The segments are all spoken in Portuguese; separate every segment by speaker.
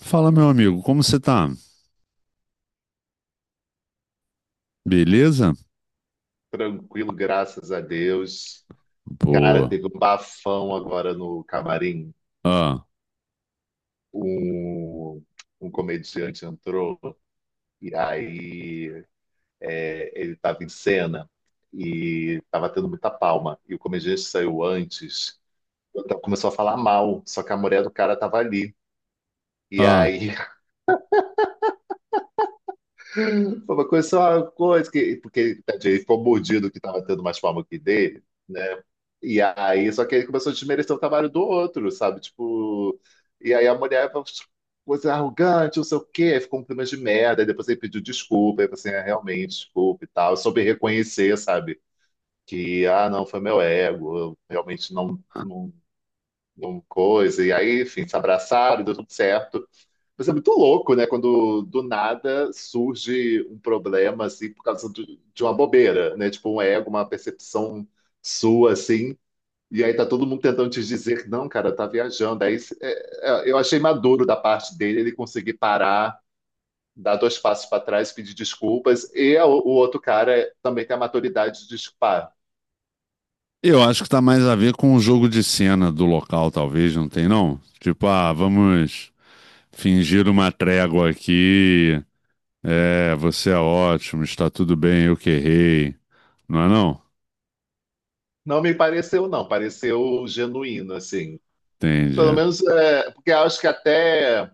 Speaker 1: Fala, meu amigo, como você tá? Beleza?
Speaker 2: Tranquilo, graças a Deus. Cara,
Speaker 1: Boa.
Speaker 2: teve um bafão agora no camarim.
Speaker 1: Ah,
Speaker 2: Um, um comediante entrou e aí ele estava em cena e estava tendo muita palma. E o comediante saiu antes, então começou a falar mal, só que a mulher do cara estava ali. E
Speaker 1: ah.
Speaker 2: aí foi uma coisa, só uma coisa que, porque tadinho, ele ficou mordido que estava tendo mais palma que dele, né? E aí, só que ele começou a desmerecer o trabalho do outro, sabe? Tipo, e aí a mulher falou, "Tipo, você é arrogante, não sei o quê, ficou um clima de merda." Aí depois ele pediu desculpa, aí eu assim, é, realmente, desculpa e tal. Eu soube reconhecer, sabe? Que, ah, não, foi meu ego, eu realmente não, não coisa. E aí, enfim, se abraçaram, deu tudo certo. Mas é muito louco, né? Quando do nada surge um problema, assim, por causa de uma bobeira, né? Tipo, um ego, uma percepção sua, assim, e aí tá todo mundo tentando te dizer, não, cara, tá viajando. Aí eu achei maduro da parte dele ele conseguir parar, dar dois passos para trás, pedir desculpas. E o outro cara também tem a maturidade de desculpar.
Speaker 1: Eu acho que tá mais a ver com o jogo de cena do local, talvez, não tem, não? Tipo, ah, vamos fingir uma trégua aqui. É, você é ótimo, está tudo bem, eu que errei. Não é, não?
Speaker 2: Não me pareceu, não. Pareceu genuíno, assim.
Speaker 1: Entende.
Speaker 2: Pelo menos, é, porque eu acho que até...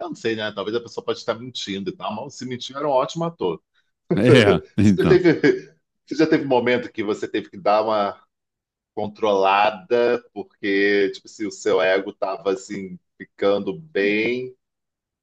Speaker 2: Eu não sei, né? Talvez a pessoa pode estar mentindo e tal, mas se mentiu, era um ótimo ator.
Speaker 1: É,
Speaker 2: Você já
Speaker 1: então.
Speaker 2: teve, você já teve momento que você teve que dar uma controlada, porque tipo, se o seu ego tava assim ficando bem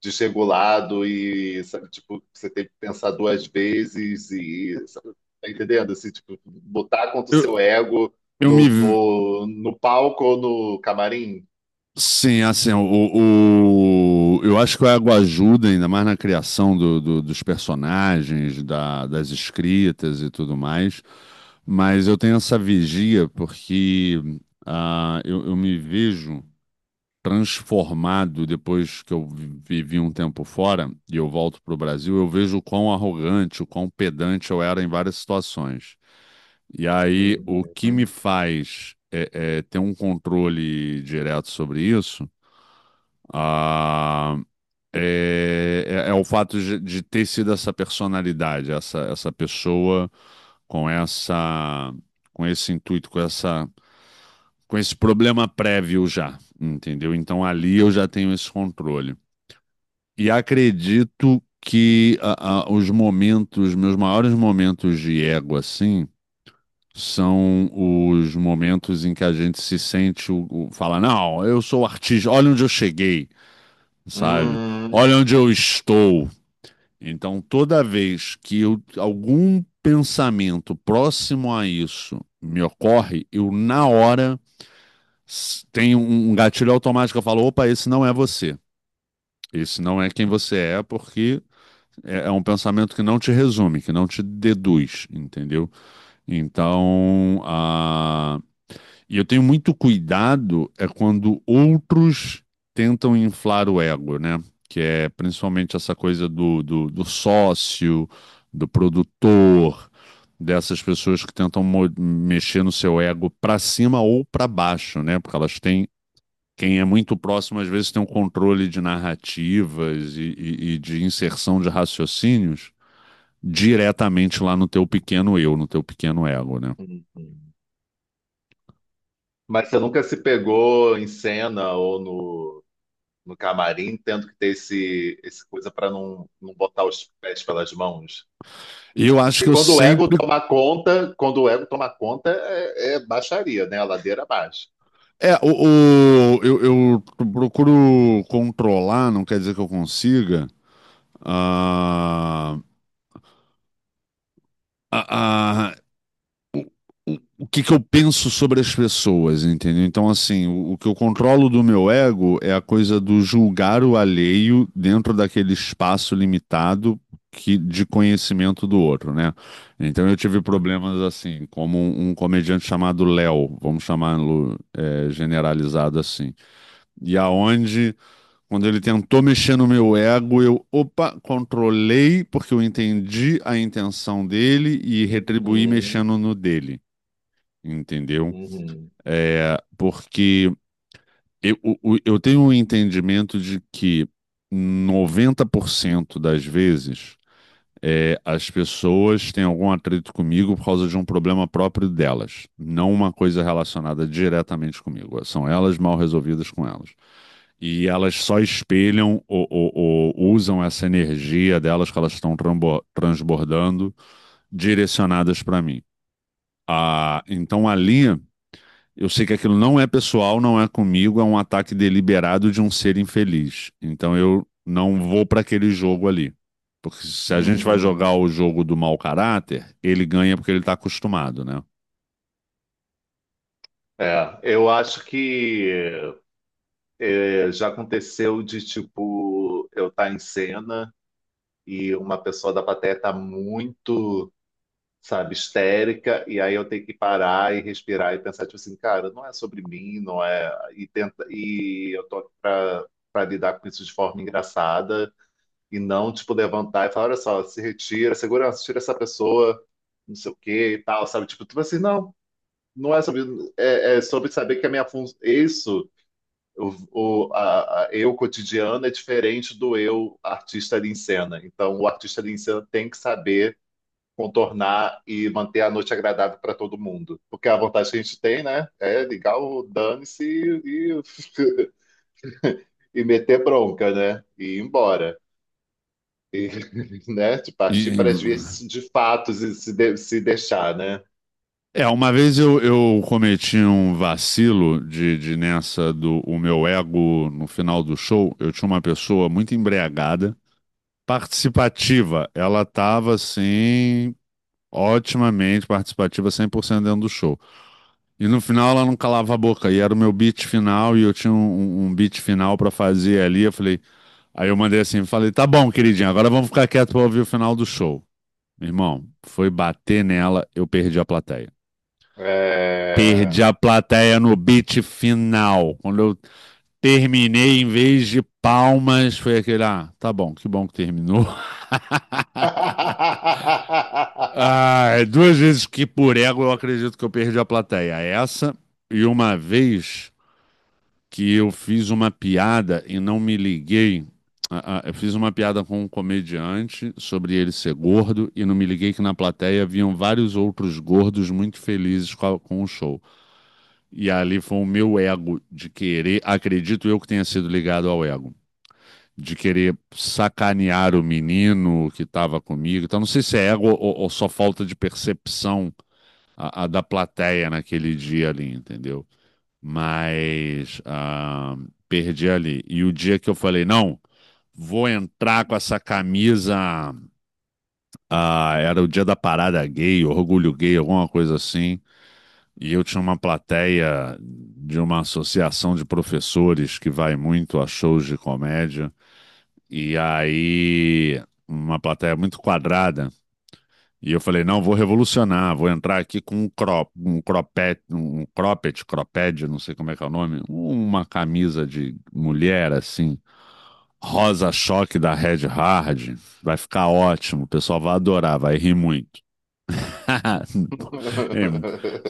Speaker 2: desregulado e sabe, tipo, você tem que pensar duas vezes e sabe, tá entendendo? Assim, tipo, botar contra o
Speaker 1: Eu,
Speaker 2: seu ego
Speaker 1: eu
Speaker 2: no,
Speaker 1: me,
Speaker 2: no, no palco ou no camarim.
Speaker 1: Sim, assim, eu acho que o Água ajuda ainda mais na criação dos personagens, das escritas e tudo mais. Mas eu tenho essa vigia porque eu me vejo transformado depois que eu vivi um tempo fora e eu volto para o Brasil. Eu vejo o quão arrogante, o quão pedante eu era em várias situações. E aí, o que me
Speaker 2: Uhum.
Speaker 1: faz é ter um controle direto sobre isso. ah, é o fato de ter sido essa personalidade, essa pessoa com essa, com esse intuito, com esse problema prévio já, entendeu? Então ali eu já tenho esse controle. E acredito que os momentos, meus maiores momentos de ego, assim, são os momentos em que a gente se sente, fala, não, eu sou artista, olha onde eu cheguei, sabe?
Speaker 2: Uhum.
Speaker 1: Olha onde eu estou. Então, toda vez que algum pensamento próximo a isso me ocorre, eu, na hora, tenho um gatilho automático. Eu falo: opa, esse não é você. Esse não é quem você é, porque é um pensamento que não te resume, que não te deduz, entendeu? Então, e eu tenho muito cuidado é quando outros tentam inflar o ego, né? Que é principalmente essa coisa do do sócio, do produtor, dessas pessoas que tentam mexer no seu ego para cima ou para baixo, né? Porque elas têm. Quem é muito próximo, às vezes, tem um controle de narrativas e de inserção de raciocínios diretamente lá no teu pequeno eu, no teu pequeno ego, né?
Speaker 2: Uhum. Mas você nunca se pegou em cena ou no camarim, tendo que ter esse coisa para não botar os pés pelas mãos?
Speaker 1: E eu acho que
Speaker 2: Porque
Speaker 1: eu
Speaker 2: quando o ego
Speaker 1: sempre.
Speaker 2: toma conta, quando o ego toma conta, é baixaria, né? A ladeira abaixo.
Speaker 1: É, eu procuro controlar, não quer dizer que eu consiga, ah, a, a, o que que eu penso sobre as pessoas, entendeu? Então, assim, o que eu controlo do meu ego é a coisa do julgar o alheio dentro daquele espaço limitado que, de conhecimento do outro, né? Então, eu tive problemas assim, como um comediante chamado Léo, vamos chamá-lo, é, generalizado assim, e aonde quando ele tentou mexer no meu ego, eu, opa, controlei, porque eu entendi a intenção dele e retribuí
Speaker 2: Uhum,
Speaker 1: mexendo no dele, entendeu?
Speaker 2: uhum,
Speaker 1: É, porque eu, eu tenho um entendimento de que 90% das vezes, é, as pessoas têm algum atrito comigo por causa de um problema próprio delas, não uma coisa relacionada diretamente comigo. São elas mal resolvidas com elas. E elas só espelham ou ou- usam essa energia delas que elas estão transbordando direcionadas para mim. Ah, então ali. Eu sei que aquilo não é pessoal, não é comigo, é um ataque deliberado de um ser infeliz. Então eu não vou para aquele jogo ali. Porque se a gente vai
Speaker 2: uhum.
Speaker 1: jogar o jogo do mau caráter, ele ganha porque ele está acostumado, né?
Speaker 2: É, eu acho que já aconteceu de, tipo, eu estar em cena e uma pessoa da plateia tá muito, sabe, histérica, e aí eu tenho que parar e respirar e pensar, tipo assim, cara, não é sobre mim, não é. E, tenta, e eu tô aqui pra lidar com isso de forma engraçada e não, tipo, levantar e falar, olha só, se retira, segurança, tira essa pessoa, não sei o quê e tal, sabe? Tipo assim, não, não é sobre, é sobre saber que a minha função, isso, eu cotidiano é diferente do eu artista ali em cena. Então, o artista ali em cena tem que saber contornar e manter a noite agradável para todo mundo. Porque a vontade que a gente tem, né, é ligar o dane-se e e meter bronca, né, e ir embora. E, né, de partir
Speaker 1: E,
Speaker 2: para as vias de fatos e se, se deixar, né?
Speaker 1: é, uma vez eu cometi um vacilo de nessa do o meu ego no final do show. Eu tinha uma pessoa muito embriagada, participativa. Ela estava assim, otimamente participativa, 100% dentro do show. E no final ela não calava a boca. E era o meu beat final e eu tinha um beat final pra fazer ali. Eu falei, aí eu mandei assim, falei, tá bom, queridinha, agora vamos ficar quieto pra ouvir o final do show. Meu irmão, foi bater nela, eu perdi a plateia.
Speaker 2: É...
Speaker 1: Perdi a plateia no beat final. Quando eu terminei, em vez de palmas, foi aquele, ah, tá bom que terminou. Ah, duas vezes que por ego eu acredito que eu perdi a plateia. Essa e uma vez que eu fiz uma piada e não me liguei. Eu fiz uma piada com um comediante sobre ele ser gordo e não me liguei que na plateia haviam vários outros gordos muito felizes com, com o show. E ali foi o meu ego de querer, acredito eu que tenha sido ligado ao ego, de querer sacanear o menino que estava comigo. Então não sei se é ego ou só falta de percepção a da plateia naquele dia ali, entendeu? Mas, ah, perdi ali. E o dia que eu falei, não, vou entrar com essa camisa. Ah, era o dia da parada gay, orgulho gay, alguma coisa assim. E eu tinha uma plateia de uma associação de professores que vai muito a shows de comédia. E aí, uma plateia muito quadrada. E eu falei, não, vou revolucionar, vou entrar aqui com um crop, um cropet, um cropped, cropped, não sei como é que é o nome, uma camisa de mulher assim, rosa choque da Red Hard, vai ficar ótimo, o pessoal vai adorar, vai rir muito.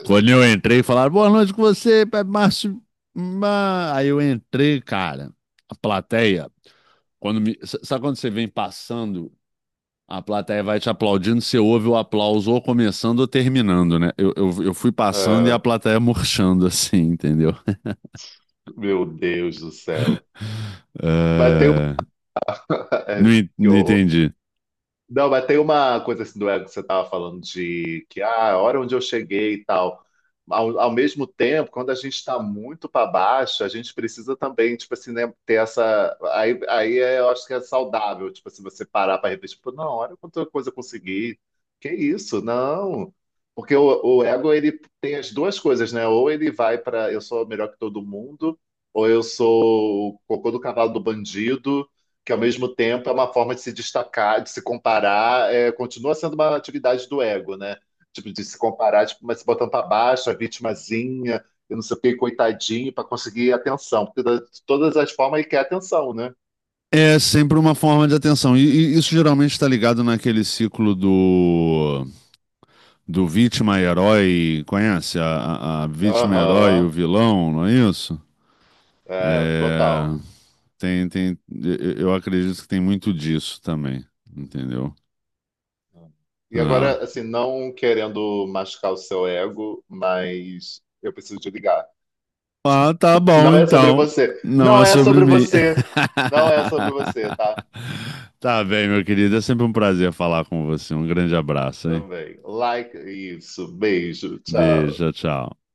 Speaker 1: Quando eu entrei, falaram, boa noite com você, é Márcio. Aí eu entrei, cara, a plateia, quando me, sabe quando você vem passando a plateia vai te aplaudindo, você ouve o aplauso ou começando ou terminando, né? Eu fui passando e a
Speaker 2: É,
Speaker 1: plateia murchando, assim, entendeu?
Speaker 2: meu Deus do céu. Mas tem uma...
Speaker 1: É. Não,
Speaker 2: que
Speaker 1: não
Speaker 2: horror.
Speaker 1: entendi.
Speaker 2: Não, mas tem uma coisa assim do ego que você estava falando de que ah, a hora onde eu cheguei e tal. Ao mesmo tempo, quando a gente está muito para baixo, a gente precisa também, tipo assim, né, ter essa. Aí, eu acho que é saudável, tipo assim, você parar para refletir, tipo, não, olha quanta coisa eu consegui. Que isso? Não. Porque o ego, ele tem as duas coisas, né? Ou ele vai para eu sou melhor que todo mundo, ou eu sou o cocô do cavalo do bandido que ao mesmo tempo é uma forma de se destacar, de se comparar, é, continua sendo uma atividade do ego, né? Tipo, de se comparar, tipo, mas se botando para baixo, a vitimazinha, eu não sei o que, coitadinho, para conseguir atenção. Porque de todas as formas ele quer atenção, né?
Speaker 1: É sempre uma forma de atenção. E isso geralmente está ligado naquele ciclo do, do vítima e herói. Conhece? A vítima, herói e o
Speaker 2: Aham,
Speaker 1: vilão, não é isso?
Speaker 2: é,
Speaker 1: É,
Speaker 2: total.
Speaker 1: tem, tem, eu acredito que tem muito disso também, entendeu?
Speaker 2: E agora,
Speaker 1: Ah.
Speaker 2: assim, não querendo machucar o seu ego, mas eu preciso te ligar.
Speaker 1: Ah, tá bom,
Speaker 2: Não é sobre
Speaker 1: então.
Speaker 2: você.
Speaker 1: Não é
Speaker 2: Não é
Speaker 1: sobre
Speaker 2: sobre
Speaker 1: mim.
Speaker 2: você. Não é sobre você, tá?
Speaker 1: Tá bem, meu querido. É sempre um prazer falar com você. Um grande abraço, hein?
Speaker 2: Também. Like isso. Beijo. Tchau.
Speaker 1: Beijo, tchau.